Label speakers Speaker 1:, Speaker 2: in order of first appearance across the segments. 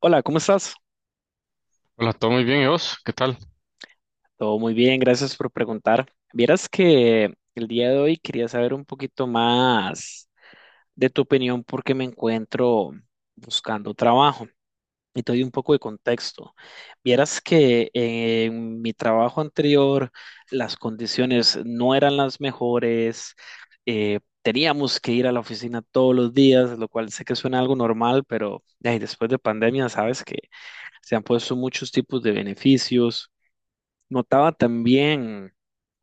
Speaker 1: Hola, ¿cómo estás?
Speaker 2: Hola, todo muy bien, ¿y vos? ¿Qué tal?
Speaker 1: Todo muy bien, gracias por preguntar. Vieras que el día de hoy quería saber un poquito más de tu opinión porque me encuentro buscando trabajo y te doy un poco de contexto. Vieras que en mi trabajo anterior las condiciones no eran las mejores. Teníamos que ir a la oficina todos los días, lo cual sé que suena algo normal, pero ay, después de pandemia sabes que se han puesto muchos tipos de beneficios. Notaba también,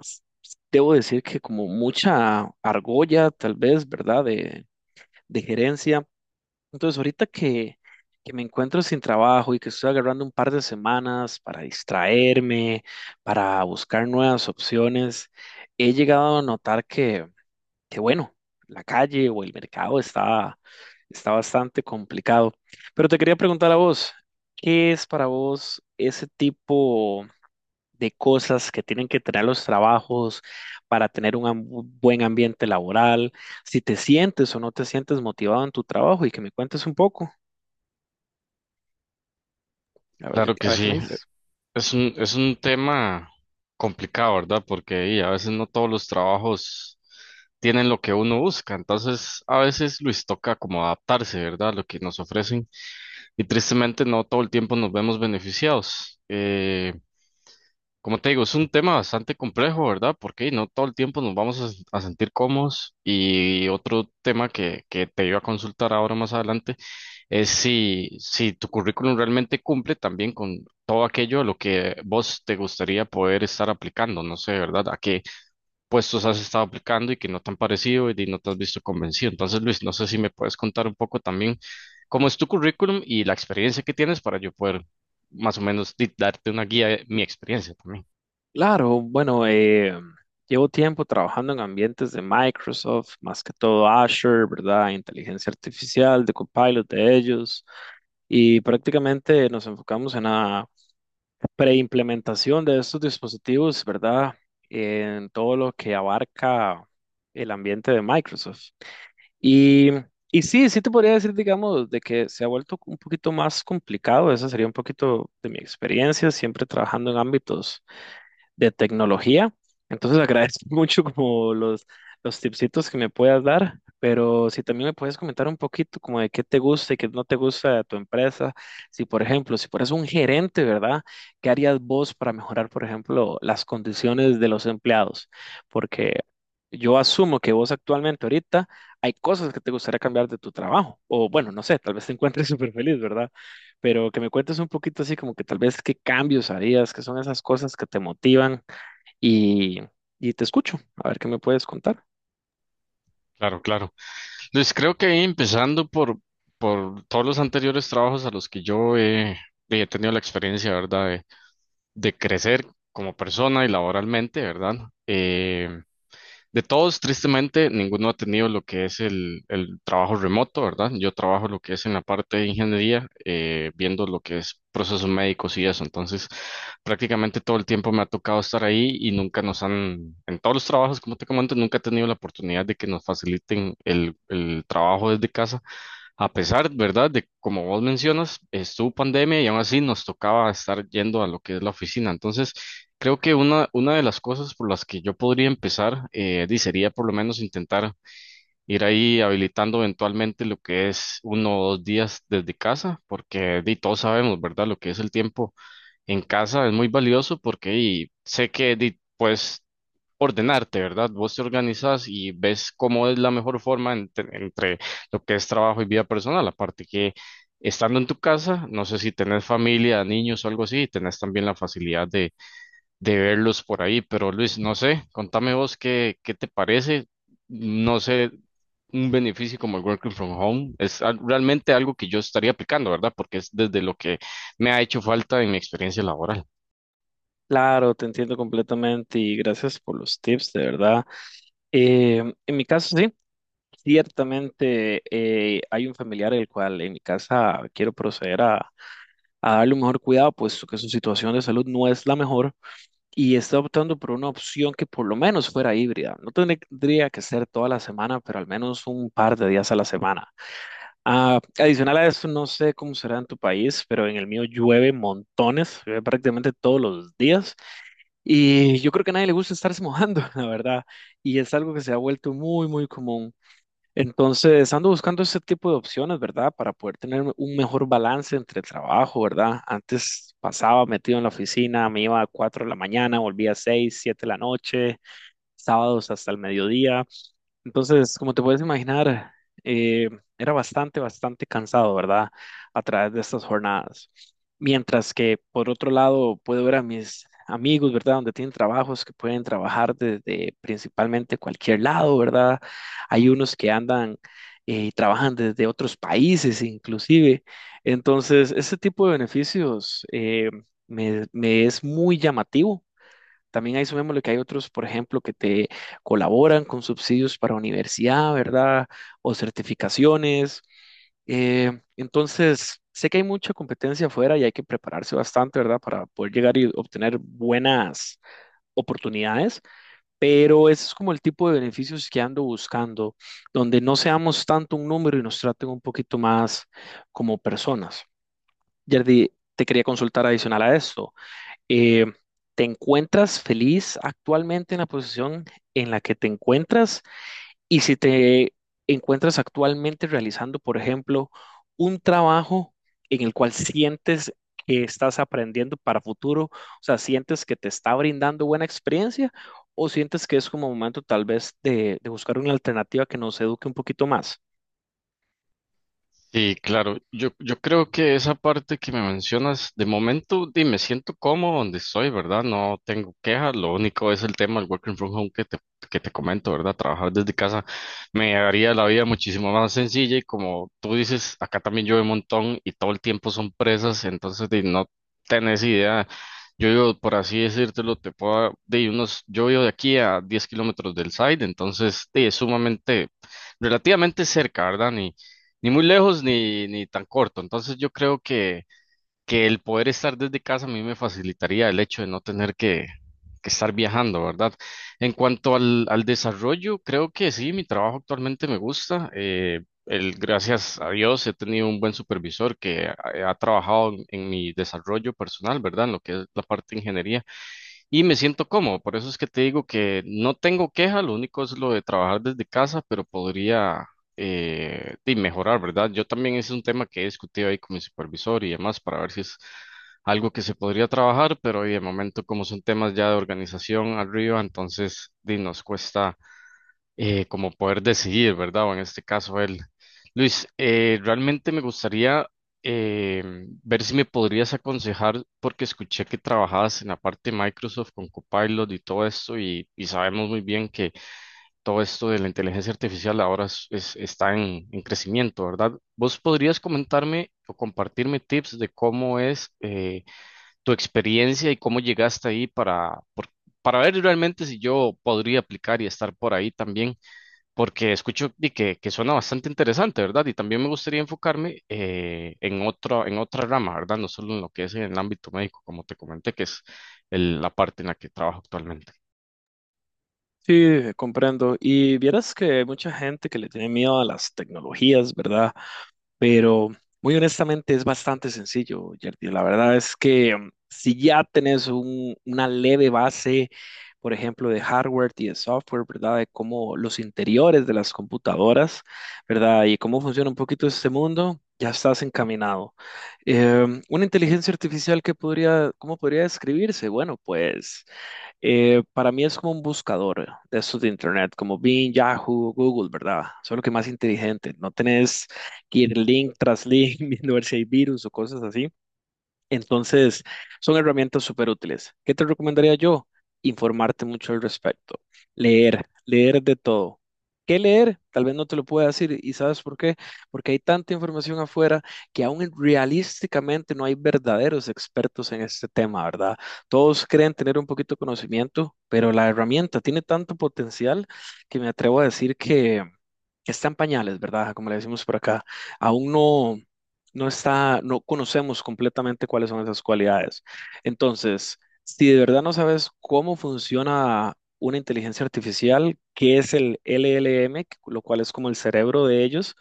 Speaker 1: debo decir que como mucha argolla, tal vez, ¿verdad? De gerencia. Entonces, ahorita que me encuentro sin trabajo y que estoy agarrando un par de semanas para distraerme, para buscar nuevas opciones, he llegado a notar que bueno, la calle o el mercado está bastante complicado. Pero te quería preguntar a vos, ¿qué es para vos ese tipo de cosas que tienen que tener los trabajos para tener un buen ambiente laboral, si te sientes o no te sientes motivado en tu trabajo y que me cuentes un poco,
Speaker 2: Claro
Speaker 1: a
Speaker 2: que
Speaker 1: ver qué
Speaker 2: sí,
Speaker 1: me dices?
Speaker 2: es un tema complicado, ¿verdad? Porque a veces no todos los trabajos tienen lo que uno busca, entonces a veces Luis toca como adaptarse, ¿verdad? A lo que nos ofrecen y tristemente no todo el tiempo nos vemos beneficiados. Como te digo, es un tema bastante complejo, ¿verdad? Porque no todo el tiempo nos vamos a sentir cómodos y otro tema que te iba a consultar ahora más adelante es si tu currículum realmente cumple también con todo aquello a lo que vos te gustaría poder estar aplicando. No sé, ¿verdad? ¿A qué puestos has estado aplicando y que no te han parecido y no te has visto convencido? Entonces, Luis, no sé si me puedes contar un poco también cómo es tu currículum y la experiencia que tienes para yo poder más o menos darte una guía de mi experiencia también.
Speaker 1: Claro, bueno, llevo tiempo trabajando en ambientes de Microsoft, más que todo Azure, ¿verdad? Inteligencia artificial, de Copilot de ellos, y prácticamente nos enfocamos en preimplementación de estos dispositivos, ¿verdad? En todo lo que abarca el ambiente de Microsoft. Y, y sí, sí te podría decir, digamos, de que se ha vuelto un poquito más complicado. Esa sería un poquito de mi experiencia, siempre trabajando en ámbitos de tecnología. Entonces agradezco mucho como los tipsitos que me puedas dar, pero si también me puedes comentar un poquito como de qué te gusta y qué no te gusta de tu empresa. Si, por ejemplo, si fueras un gerente, ¿verdad? ¿Qué harías vos para mejorar, por ejemplo, las condiciones de los empleados? Porque yo asumo que vos actualmente ahorita hay cosas que te gustaría cambiar de tu trabajo. O bueno, no sé, tal vez te encuentres súper feliz, ¿verdad? Pero que me cuentes un poquito así como que tal vez qué cambios harías, qué son esas cosas que te motivan y, y te escucho, a ver qué me puedes contar.
Speaker 2: Claro, claro. Luis, creo que empezando por todos los anteriores trabajos a los que yo he tenido la experiencia, ¿verdad? De crecer como persona y laboralmente, ¿verdad? Eh, de todos, tristemente, ninguno ha tenido lo que es el trabajo remoto, ¿verdad? Yo trabajo lo que es en la parte de ingeniería, viendo lo que es procesos médicos y eso. Entonces, prácticamente todo el tiempo me ha tocado estar ahí y nunca nos han, en todos los trabajos, como te comento, nunca he tenido la oportunidad de que nos faciliten el trabajo desde casa a pesar, ¿verdad?, de como vos mencionas, estuvo pandemia y aún así nos tocaba estar yendo a lo que es la oficina. Entonces, creo que una de las cosas por las que yo podría empezar, di, sería por lo menos intentar ir ahí habilitando eventualmente lo que es uno o dos días desde casa, porque di, todos sabemos, ¿verdad?, lo que es el tiempo en casa es muy valioso porque y sé que di, puedes ordenarte, ¿verdad? Vos te organizas y ves cómo es la mejor forma entre lo que es trabajo y vida personal. Aparte que estando en tu casa, no sé si tenés familia, niños o algo así, tenés también la facilidad de verlos por ahí. Pero Luis, no sé, contame vos qué te parece, no sé, un beneficio como el working from home. Es realmente algo que yo estaría aplicando, ¿verdad? Porque es desde lo que me ha hecho falta en mi experiencia laboral.
Speaker 1: Claro, te entiendo completamente y gracias por los tips, de verdad. Eh, en mi caso, sí, ciertamente hay un familiar el cual en mi casa quiero proceder a darle un mejor cuidado, puesto que su situación de salud no es la mejor y está optando por una opción que por lo menos fuera híbrida. No tendría que ser toda la semana, pero al menos un par de días a la semana. Ah, adicional a eso, no sé cómo será en tu país, pero en el mío llueve montones, llueve prácticamente todos los días. Y yo creo que a nadie le gusta estarse mojando, la verdad. Y es algo que se ha vuelto muy, muy común. Entonces, ando buscando ese tipo de opciones, ¿verdad? Para poder tener un mejor balance entre el trabajo, ¿verdad? Antes pasaba metido en la oficina, me iba a 4 de la mañana, volvía a 6, 7 de la noche, sábados hasta el mediodía. Entonces, como te puedes imaginar, eh, era bastante, bastante cansado, ¿verdad? A través de estas jornadas. Mientras que, por otro lado, puedo ver a mis amigos, ¿verdad? Donde tienen trabajos que pueden trabajar desde principalmente cualquier lado, ¿verdad? Hay unos que andan y trabajan desde otros países inclusive. Entonces, ese tipo de beneficios me es muy llamativo. También ahí sumémosle que hay otros, por ejemplo, que te colaboran con subsidios para universidad, ¿verdad? O certificaciones. Entonces, sé que hay mucha competencia afuera y hay que prepararse bastante, ¿verdad? Para poder llegar y obtener buenas oportunidades, pero ese es como el tipo de beneficios que ando buscando, donde no seamos tanto un número y nos traten un poquito más como personas. Yerdy, te quería consultar adicional a esto. Eh, ¿Te encuentras feliz actualmente en la posición en la que te encuentras? Y si te encuentras actualmente realizando, por ejemplo, un trabajo en el cual sientes que estás aprendiendo para futuro, o sea, sientes que te está brindando buena experiencia o sientes que es como momento tal vez de buscar una alternativa que nos eduque un poquito más.
Speaker 2: Sí, claro. Yo creo que esa parte que me mencionas, de momento, di, me siento cómodo donde estoy, ¿verdad? No tengo quejas. Lo único es el tema del working from home que te comento, ¿verdad? Trabajar desde casa me haría la vida muchísimo más sencilla y como tú dices, acá también llueve un montón y todo el tiempo son presas, entonces di, no tenés idea. Yo vivo, por así decírtelo, te puedo, de unos, yo vivo de aquí a 10 kilómetros del site, entonces di, es sumamente, relativamente cerca, ¿verdad? Ni muy lejos ni, ni tan corto. Entonces yo creo que el poder estar desde casa a mí me facilitaría el hecho de no tener que estar viajando, ¿verdad? En cuanto al desarrollo, creo que sí, mi trabajo actualmente me gusta. El, gracias a Dios he tenido un buen supervisor que ha trabajado en mi desarrollo personal, ¿verdad? En lo que es la parte de ingeniería y me siento cómodo. Por eso es que te digo que no tengo queja, lo único es lo de trabajar desde casa, pero podría mejorar, ¿verdad? Yo también es un tema que he discutido ahí con mi supervisor y demás para ver si es algo que se podría trabajar, pero y de momento como son temas ya de organización arriba, entonces di, nos cuesta como poder decidir, ¿verdad? O en este caso él. Luis, realmente me gustaría eh, ver si me podrías aconsejar, porque escuché que trabajabas en la parte de Microsoft con Copilot y todo esto, y sabemos muy bien que todo esto de la inteligencia artificial ahora está en crecimiento, ¿verdad? ¿Vos podrías comentarme o compartirme tips de cómo es tu experiencia y cómo llegaste ahí para, para ver realmente si yo podría aplicar y estar por ahí también? Porque escucho di que suena bastante interesante, ¿verdad? Y también me gustaría enfocarme en otro, en otra rama, ¿verdad? No solo en lo que es en el ámbito médico, como te comenté, que es la parte en la que trabajo actualmente.
Speaker 1: Sí, comprendo. Y vieras que hay mucha gente que le tiene miedo a las tecnologías, ¿verdad? Pero muy honestamente es bastante sencillo, Yerdy. La verdad es que si ya tenés una leve base, por ejemplo, de hardware y de software, ¿verdad? De cómo los interiores de las computadoras, ¿verdad? Y cómo funciona un poquito este mundo, ya estás encaminado. Una inteligencia artificial que podría, ¿cómo podría describirse? Bueno, pues para mí es como un buscador de estos de internet, como Bing, Yahoo, Google, ¿verdad? Solo que más inteligente. No tenés ir link tras link, viendo ver si hay virus o cosas así. Entonces, son herramientas súper útiles. ¿Qué te recomendaría yo? Informarte mucho al respecto. Leer, leer de todo. ¿Qué leer? Tal vez no te lo pueda decir. ¿Y sabes por qué? Porque hay tanta información afuera que aún realísticamente no hay verdaderos expertos en este tema, ¿verdad? Todos creen tener un poquito de conocimiento, pero la herramienta tiene tanto potencial que me atrevo a decir que está en pañales, ¿verdad? Como le decimos por acá, aún no, no está, no conocemos completamente cuáles son esas cualidades. Entonces, si de verdad no sabes cómo funciona una inteligencia artificial, qué es el LLM, lo cual es como el cerebro de ellos,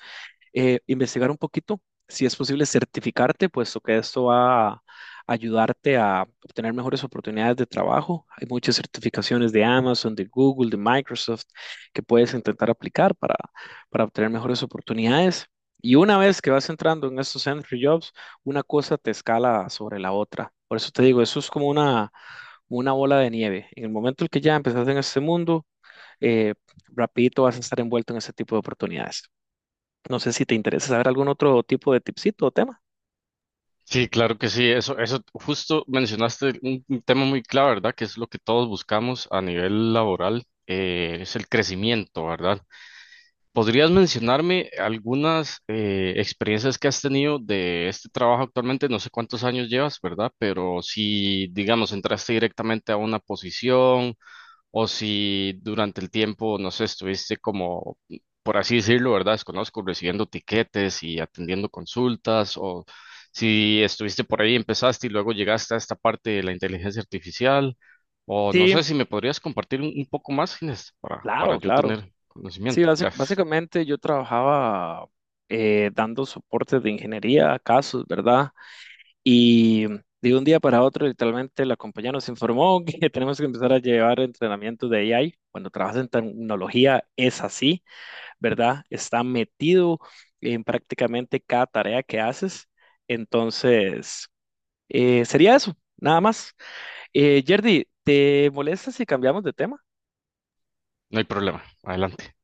Speaker 1: investigar un poquito, si es posible certificarte, puesto que esto va a ayudarte a obtener mejores oportunidades de trabajo. Hay muchas certificaciones de Amazon, de Google, de Microsoft que puedes intentar aplicar para obtener mejores oportunidades. Y una vez que vas entrando en estos entry jobs, una cosa te escala sobre la otra. Por eso te digo, eso es como una bola de nieve. En el momento en que ya empezaste en este mundo, eh, rapidito vas a estar envuelto en ese tipo de oportunidades. No sé si te interesa saber algún otro tipo de tipsito o tema.
Speaker 2: Sí, claro que sí, eso justo mencionaste un tema muy clave, ¿verdad? Que es lo que todos buscamos a nivel laboral, es el crecimiento, ¿verdad? ¿Podrías mencionarme algunas experiencias que has tenido de este trabajo actualmente? No sé cuántos años llevas, ¿verdad? Pero si, digamos, entraste directamente a una posición o si durante el tiempo, no sé, estuviste como, por así decirlo, ¿verdad? Desconozco, recibiendo tiquetes y atendiendo consultas o si estuviste por ahí, empezaste y luego llegaste a esta parte de la inteligencia artificial o no
Speaker 1: Sí,
Speaker 2: sé si me podrías compartir un poco más, Inés, para
Speaker 1: claro,
Speaker 2: yo
Speaker 1: claro.
Speaker 2: tener
Speaker 1: Sí,
Speaker 2: conocimiento. Gracias.
Speaker 1: básicamente yo trabajaba dando soporte de ingeniería a casos, ¿verdad? Y de un día para otro, literalmente, la compañía nos informó que tenemos que empezar a llevar entrenamiento de AI. Cuando trabajas en tecnología es así, ¿verdad? Está metido en prácticamente cada tarea que haces. Entonces, sería eso, nada más. Yerdy, ¿te molesta si cambiamos de tema?
Speaker 2: No hay problema. Adelante.